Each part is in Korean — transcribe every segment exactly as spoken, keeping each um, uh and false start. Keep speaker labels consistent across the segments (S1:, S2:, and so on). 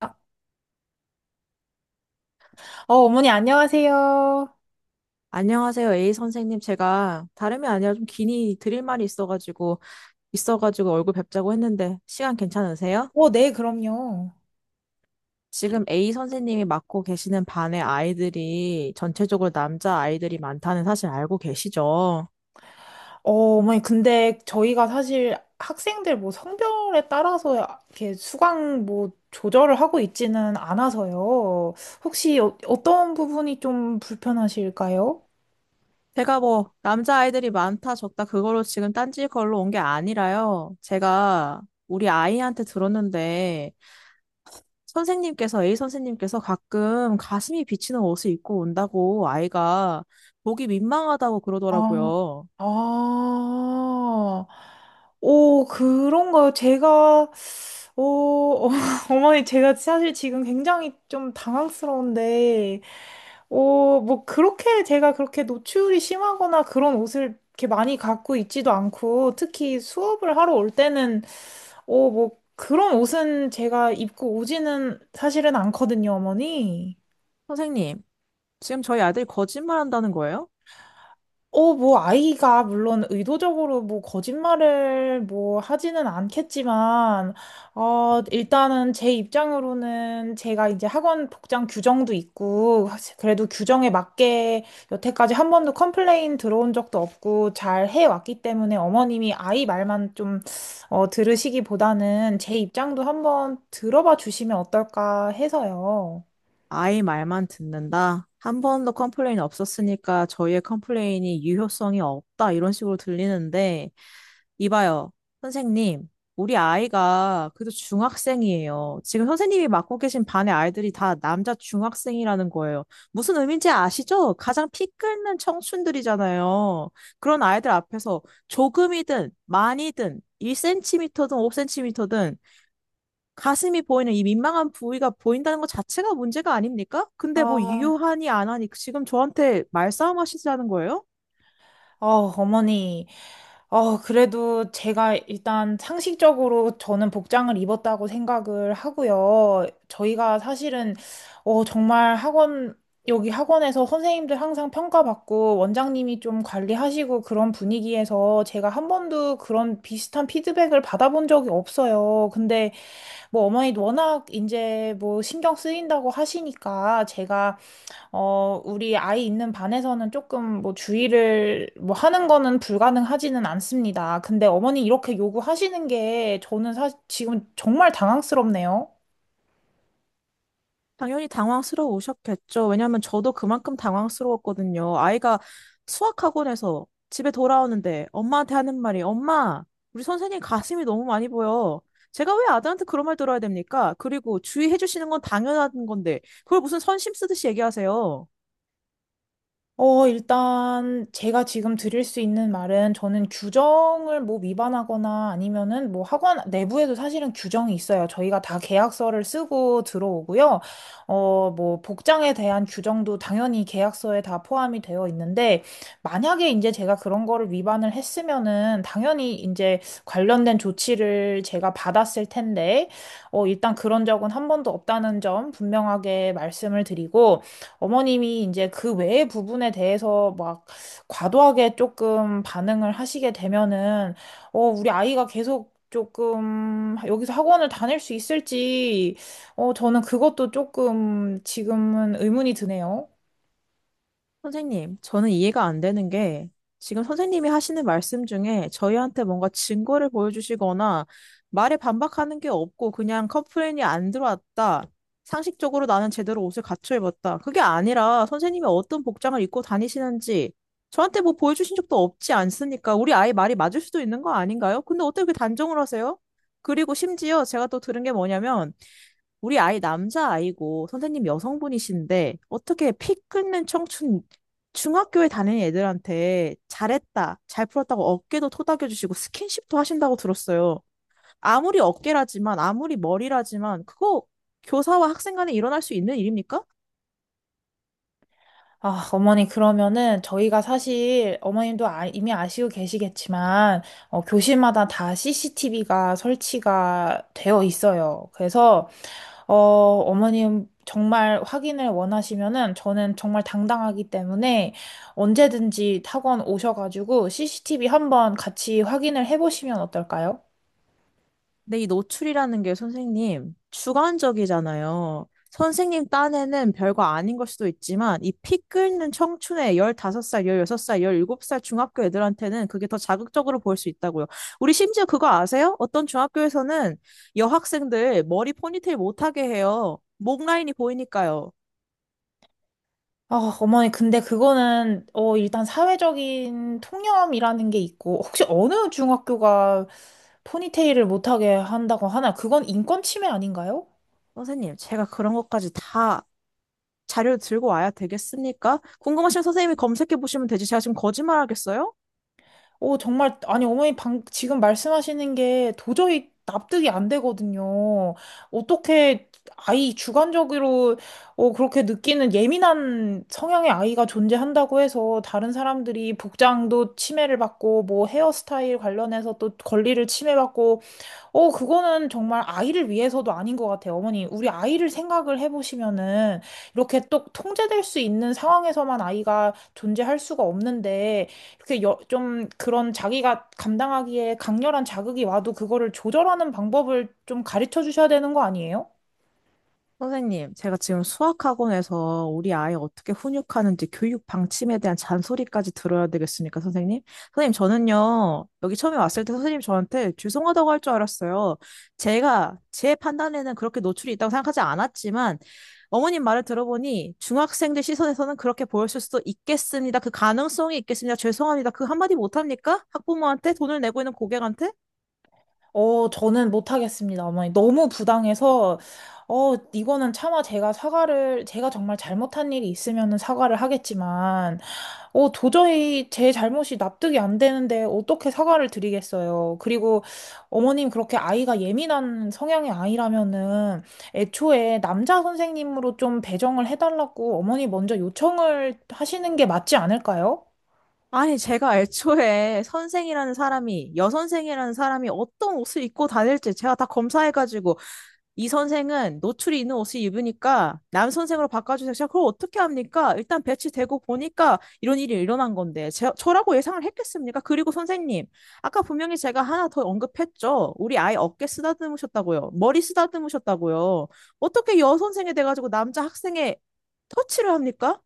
S1: 어, 어머니, 안녕하세요.
S2: 안녕하세요, 에이 선생님. 제가 다름이 아니라 좀 긴히 드릴 말이 있어가지고, 있어가지고 얼굴 뵙자고 했는데, 시간 괜찮으세요?
S1: 어, 네, 그럼요.
S2: 지금 에이 선생님이 맡고 계시는 반의 아이들이 전체적으로 남자 아이들이 많다는 사실 알고 계시죠?
S1: 어, 어머니, 근데 저희가 사실 학생들 뭐 성별에 따라서 이렇게 수강 뭐 조절을 하고 있지는 않아서요. 혹시 어, 어떤 부분이 좀 불편하실까요?
S2: 제가 뭐, 남자 아이들이 많다, 적다, 그걸로 지금 딴지 걸로 온 게 아니라요. 제가 우리 아이한테 들었는데, 선생님께서, 에이 선생님께서 가끔 가슴이 비치는 옷을 입고 온다고 아이가 보기 민망하다고
S1: 아,
S2: 그러더라고요.
S1: 아, 오, 그런가요? 제가, 오, 어머니, 제가 사실 지금 굉장히 좀 당황스러운데, 오, 뭐, 그렇게 제가 그렇게 노출이 심하거나 그런 옷을 이렇게 많이 갖고 있지도 않고, 특히 수업을 하러 올 때는, 오, 뭐, 그런 옷은 제가 입고 오지는 사실은 않거든요, 어머니.
S2: 선생님, 지금 저희 아들 거짓말한다는 거예요?
S1: 어, 뭐, 아이가 물론 의도적으로 뭐, 거짓말을 뭐, 하지는 않겠지만, 어, 일단은 제 입장으로는 제가 이제 학원 복장 규정도 있고, 그래도 규정에 맞게 여태까지 한 번도 컴플레인 들어온 적도 없고, 잘 해왔기 때문에 어머님이 아이 말만 좀, 어, 들으시기보다는 제 입장도 한번 들어봐 주시면 어떨까 해서요.
S2: 아이 말만 듣는다. 한 번도 컴플레인 없었으니까 저희의 컴플레인이 유효성이 없다. 이런 식으로 들리는데 이봐요, 선생님. 우리 아이가 그래도 중학생이에요. 지금 선생님이 맡고 계신 반의 아이들이 다 남자 중학생이라는 거예요. 무슨 의미인지 아시죠? 가장 피 끓는 청춘들이잖아요. 그런 아이들 앞에서 조금이든 많이든 일 센티미터든 오 센티미터든 가슴이 보이는 이 민망한 부위가 보인다는 것 자체가 문제가 아닙니까? 근데 뭐
S1: 아,
S2: 유효하니 안 하니 지금 저한테 말싸움 하시자는 거예요?
S1: 어, 어머니. 어, 그래도 제가 일단 상식적으로 저는 복장을 입었다고 생각을 하고요. 저희가 사실은, 어, 정말 학원, 여기 학원에서 선생님들 항상 평가받고 원장님이 좀 관리하시고 그런 분위기에서 제가 한 번도 그런 비슷한 피드백을 받아본 적이 없어요. 근데 뭐 어머니도 워낙 이제 뭐 신경 쓰인다고 하시니까 제가 어, 우리 아이 있는 반에서는 조금 뭐 주의를 뭐 하는 거는 불가능하지는 않습니다. 근데 어머니 이렇게 요구하시는 게 저는 사, 지금 정말 당황스럽네요.
S2: 당연히 당황스러우셨겠죠. 왜냐하면 저도 그만큼 당황스러웠거든요. 아이가 수학학원에서 집에 돌아오는데 엄마한테 하는 말이 엄마, 우리 선생님 가슴이 너무 많이 보여. 제가 왜 아들한테 그런 말 들어야 됩니까? 그리고 주의해 주시는 건 당연한 건데 그걸 무슨 선심 쓰듯이 얘기하세요.
S1: 어, 일단 제가 지금 드릴 수 있는 말은 저는 규정을 뭐 위반하거나 아니면은 뭐 학원 내부에도 사실은 규정이 있어요. 저희가 다 계약서를 쓰고 들어오고요. 어, 뭐 복장에 대한 규정도 당연히 계약서에 다 포함이 되어 있는데 만약에 이제 제가 그런 거를 위반을 했으면은 당연히 이제 관련된 조치를 제가 받았을 텐데 어, 일단 그런 적은 한 번도 없다는 점 분명하게 말씀을 드리고 어머님이 이제 그 외의 부분에 대해서 막 과도하게 조금 반응을 하시게 되면은, 어, 우리 아이가 계속 조금 여기서 학원을 다닐 수 있을지, 어, 저는 그것도 조금 지금은 의문이 드네요.
S2: 선생님, 저는 이해가 안 되는 게 지금 선생님이 하시는 말씀 중에 저희한테 뭔가 증거를 보여주시거나 말에 반박하는 게 없고 그냥 컴플레인이 안 들어왔다. 상식적으로 나는 제대로 옷을 갖춰 입었다. 그게 아니라 선생님이 어떤 복장을 입고 다니시는지 저한테 뭐 보여주신 적도 없지 않습니까? 우리 아이 말이 맞을 수도 있는 거 아닌가요? 근데 어떻게 그 단정을 하세요? 그리고 심지어 제가 또 들은 게 뭐냐면 우리 아이 남자아이고 선생님 여성분이신데 어떻게 피 끊는 청춘 중학교에 다니는 애들한테 잘했다, 잘 풀었다고 어깨도 토닥여주시고 스킨십도 하신다고 들었어요. 아무리 어깨라지만 아무리 머리라지만 그거 교사와 학생 간에 일어날 수 있는 일입니까?
S1: 아, 어머니, 그러면은 저희가 사실 어머님도 아- 이미 아시고 계시겠지만, 어, 교실마다 다 씨씨티비가 설치가 되어 있어요. 그래서, 어, 어머님 정말 확인을 원하시면은 저는 정말 당당하기 때문에 언제든지 학원 오셔가지고 씨씨티비 한번 같이 확인을 해보시면 어떨까요?
S2: 근데 이 노출이라는 게 선생님 주관적이잖아요. 선생님 딴에는 별거 아닌 걸 수도 있지만 이 피 끓는 청춘의 열다섯 살, 열여섯 살, 열일곱 살 중학교 애들한테는 그게 더 자극적으로 보일 수 있다고요. 우리 심지어 그거 아세요? 어떤 중학교에서는 여학생들 머리 포니테일 못하게 해요. 목 라인이 보이니까요.
S1: 아, 어머니, 근데 그거는, 어, 일단 사회적인 통념이라는 게 있고, 혹시 어느 중학교가 포니테일을 못하게 한다고 하나? 그건 인권 침해 아닌가요?
S2: 선생님, 제가 그런 것까지 다 자료를 들고 와야 되겠습니까? 궁금하시면 선생님이 검색해 보시면 되지. 제가 지금 거짓말 하겠어요?
S1: 오, 정말, 아니, 어머니 방, 지금 말씀하시는 게 도저히 납득이 안 되거든요. 어떻게 아이 주관적으로 어, 그렇게 느끼는 예민한 성향의 아이가 존재한다고 해서 다른 사람들이 복장도 침해를 받고 뭐 헤어스타일 관련해서 또 권리를 침해받고 어, 그거는 정말 아이를 위해서도 아닌 것 같아요. 어머니, 우리 아이를 생각을 해보시면은 이렇게 또 통제될 수 있는 상황에서만 아이가 존재할 수가 없는데 이렇게 여, 좀 그런 자기가 감당하기에 강렬한 자극이 와도 그거를 조절하는 방법을 좀 가르쳐 주셔야 되는 거 아니에요?
S2: 선생님, 제가 지금 수학학원에서 우리 아이 어떻게 훈육하는지 교육 방침에 대한 잔소리까지 들어야 되겠습니까, 선생님? 선생님, 저는요, 여기 처음에 왔을 때 선생님 저한테 죄송하다고 할 줄 알았어요. 제가 제 판단에는 그렇게 노출이 있다고 생각하지 않았지만, 어머님 말을 들어보니 중학생들 시선에서는 그렇게 보였을 수도 있겠습니다. 그 가능성이 있겠습니다. 죄송합니다. 그 한마디 못합니까? 학부모한테? 돈을 내고 있는 고객한테?
S1: 어, 저는 못하겠습니다, 어머니. 너무 부당해서, 어, 이거는 차마 제가 사과를, 제가 정말 잘못한 일이 있으면은 사과를 하겠지만, 어, 도저히 제 잘못이 납득이 안 되는데 어떻게 사과를 드리겠어요. 그리고 어머님 그렇게 아이가 예민한 성향의 아이라면은 애초에 남자 선생님으로 좀 배정을 해달라고 어머니 먼저 요청을 하시는 게 맞지 않을까요?
S2: 아니, 제가 애초에 선생이라는 사람이, 여선생이라는 사람이 어떤 옷을 입고 다닐지 제가 다 검사해가지고, 이 선생은 노출이 있는 옷을 입으니까, 남선생으로 바꿔주세요. 제가 그걸 어떻게 합니까? 일단 배치되고 보니까 이런 일이 일어난 건데, 제, 저라고 예상을 했겠습니까? 그리고 선생님, 아까 분명히 제가 하나 더 언급했죠? 우리 아이 어깨 쓰다듬으셨다고요. 머리 쓰다듬으셨다고요. 어떻게 여선생이 돼가지고 남자 학생의 터치를 합니까?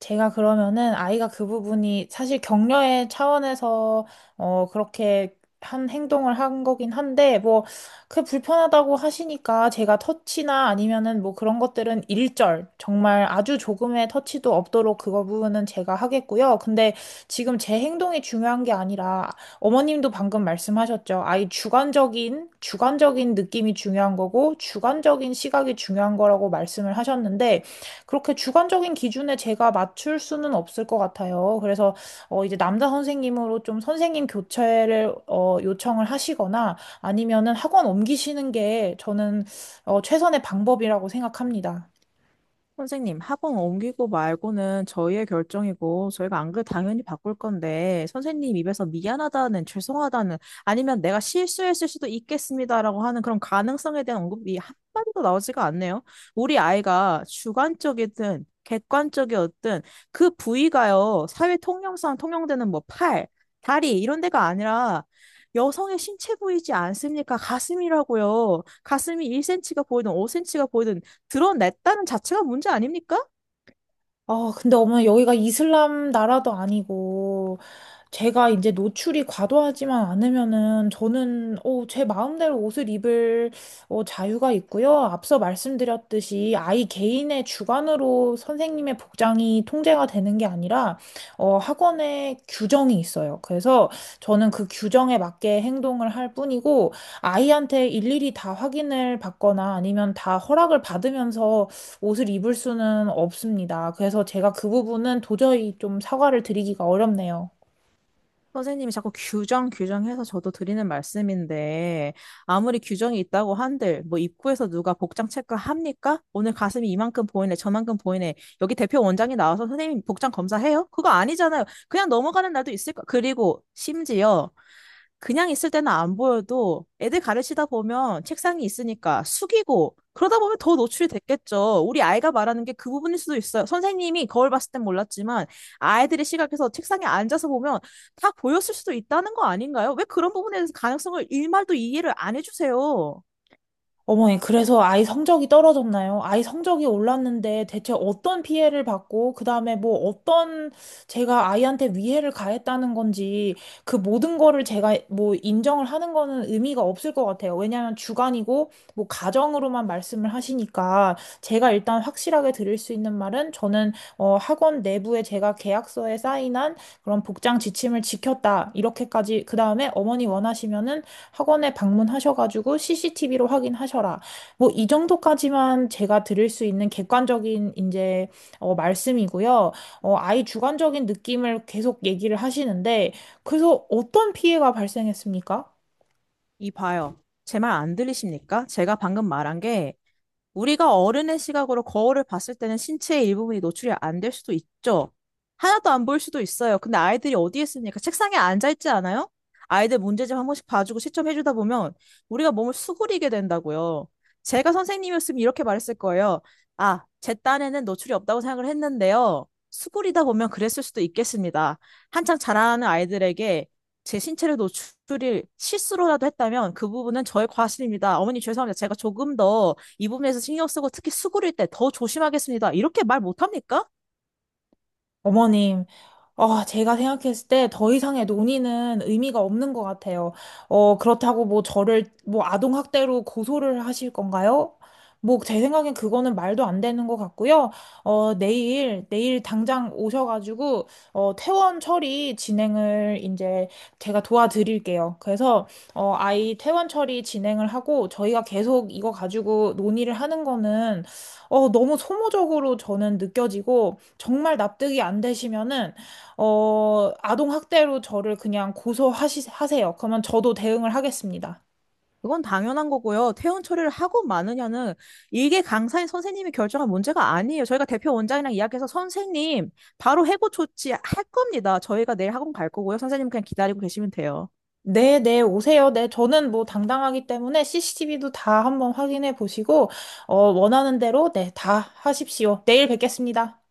S1: 제가 그러면은 아이가 그 부분이 사실 격려의 차원에서 어 그렇게 한 행동을 한 거긴 한데 뭐 그 불편하다고 하시니까 제가 터치나 아니면은 뭐 그런 것들은 일절 정말 아주 조금의 터치도 없도록 그거 부분은 제가 하겠고요. 근데 지금 제 행동이 중요한 게 아니라 어머님도 방금 말씀하셨죠. 아이 주관적인 주관적인 느낌이 중요한 거고 주관적인 시각이 중요한 거라고 말씀을 하셨는데 그렇게 주관적인 기준에 제가 맞출 수는 없을 것 같아요. 그래서 어, 이제 남자 선생님으로 좀 선생님 교체를 어, 요청을 하시거나 아니면은 학원 옮기시는 게 저는 어, 최선의 방법이라고 생각합니다.
S2: 선생님, 학원 옮기고 말고는 저희의 결정이고, 저희가 안 그래 당연히 바꿀 건데, 선생님 입에서 미안하다는, 죄송하다는, 아니면 내가 실수했을 수도 있겠습니다라고 하는 그런 가능성에 대한 언급이 한마디도 나오지가 않네요. 우리 아이가 주관적이든, 객관적이었든, 그 부위가요, 사회 통념상 통용되는 뭐 팔, 다리, 이런 데가 아니라, 여성의 신체 부위지 않습니까? 가슴이라고요. 가슴이 일 센티미터가 보이든 오 센티미터가 보이든 드러냈다는 자체가 문제 아닙니까?
S1: 아, 근데 어머니 여기가 이슬람 나라도 아니고 제가 이제 노출이 과도하지만 않으면은 저는 어, 제 마음대로 옷을 입을 어, 자유가 있고요. 앞서 말씀드렸듯이 아이 개인의 주관으로 선생님의 복장이 통제가 되는 게 아니라 어, 학원에 규정이 있어요. 그래서 저는 그 규정에 맞게 행동을 할 뿐이고 아이한테 일일이 다 확인을 받거나 아니면 다 허락을 받으면서 옷을 입을 수는 없습니다. 그래서 제가 그 부분은 도저히 좀 사과를 드리기가 어렵네요.
S2: 선생님이 자꾸 규정 규정해서 저도 드리는 말씀인데 아무리 규정이 있다고 한들 뭐 입구에서 누가 복장 체크합니까? 오늘 가슴이 이만큼 보이네 저만큼 보이네 여기 대표 원장이 나와서 선생님 복장 검사해요? 그거 아니잖아요. 그냥 넘어가는 날도 있을 거. 그리고 심지어 그냥 있을 때는 안 보여도 애들 가르치다 보면 책상이 있으니까 숙이고 그러다 보면 더 노출이 됐겠죠. 우리 아이가 말하는 게 그 부분일 수도 있어요. 선생님이 거울 봤을 땐 몰랐지만 아이들의 시각에서 책상에 앉아서 보면 다 보였을 수도 있다는 거 아닌가요? 왜 그런 부분에 대해서 가능성을 일말도 이해를 안 해주세요?
S1: 어머니, 그래서 아이 성적이 떨어졌나요? 아이 성적이 올랐는데 대체 어떤 피해를 받고, 그 다음에 뭐 어떤 제가 아이한테 위해를 가했다는 건지, 그 모든 거를 제가 뭐 인정을 하는 거는 의미가 없을 것 같아요. 왜냐하면 주관이고, 뭐 가정으로만 말씀을 하시니까, 제가 일단 확실하게 드릴 수 있는 말은, 저는 어, 학원 내부에 제가 계약서에 사인한 그런 복장 지침을 지켰다. 이렇게까지, 그 다음에 어머니 원하시면은 학원에 방문하셔가지고 씨씨티비로 확인하셔라. 뭐 이 정도까지만 제가 드릴 수 있는 객관적인 이제 어, 말씀이고요. 어, 아이 주관적인 느낌을 계속 얘기를 하시는데 그래서 어떤 피해가 발생했습니까?
S2: 이 봐요. 제 말 안 들리십니까? 제가 방금 말한 게 우리가 어른의 시각으로 거울을 봤을 때는 신체의 일부분이 노출이 안 될 수도 있죠. 하나도 안 보일 수도 있어요. 근데 아이들이 어디에 있습니까? 책상에 앉아 있지 않아요? 아이들 문제집 한 번씩 봐주고 시점해 주다 보면 우리가 몸을 수그리게 된다고요. 제가 선생님이었으면 이렇게 말했을 거예요. 아, 제 딴에는 노출이 없다고 생각을 했는데요. 수그리다 보면 그랬을 수도 있겠습니다. 한창 자라는 아이들에게 제 신체를 노출을 실수로라도 했다면 그 부분은 저의 과실입니다. 어머니 죄송합니다. 제가 조금 더 이 부분에서 신경 쓰고 특히 수그릴 때 더 조심하겠습니다. 이렇게 말 못합니까?
S1: 어머님, 아, 제가 생각했을 때 더 이상의 논의는 의미가 없는 것 같아요. 어, 그렇다고 뭐 저를 뭐 아동학대로 고소를 하실 건가요? 뭐 제 생각엔 그거는 말도 안 되는 것 같고요. 어, 내일, 내일 당장 오셔가지고, 어, 퇴원 처리 진행을 이제 제가 도와드릴게요. 그래서, 어, 아이 퇴원 처리 진행을 하고 저희가 계속 이거 가지고 논의를 하는 거는 어, 너무 소모적으로 저는 느껴지고, 정말 납득이 안 되시면은, 어, 아동학대로 저를 그냥 고소하세요. 그러면 저도 대응을 하겠습니다.
S2: 그건 당연한 거고요. 퇴원 처리를 하고 마느냐는 이게 강사인 선생님이 결정한 문제가 아니에요. 저희가 대표 원장이랑 이야기해서 선생님 바로 해고 조치 할 겁니다. 저희가 내일 학원 갈 거고요. 선생님 그냥 기다리고 계시면 돼요.
S1: 네, 네, 오세요. 네, 저는 뭐 당당하기 때문에 씨씨티비도 다 한번 확인해 보시고, 어, 원하는 대로, 네, 다 하십시오. 내일 뵙겠습니다.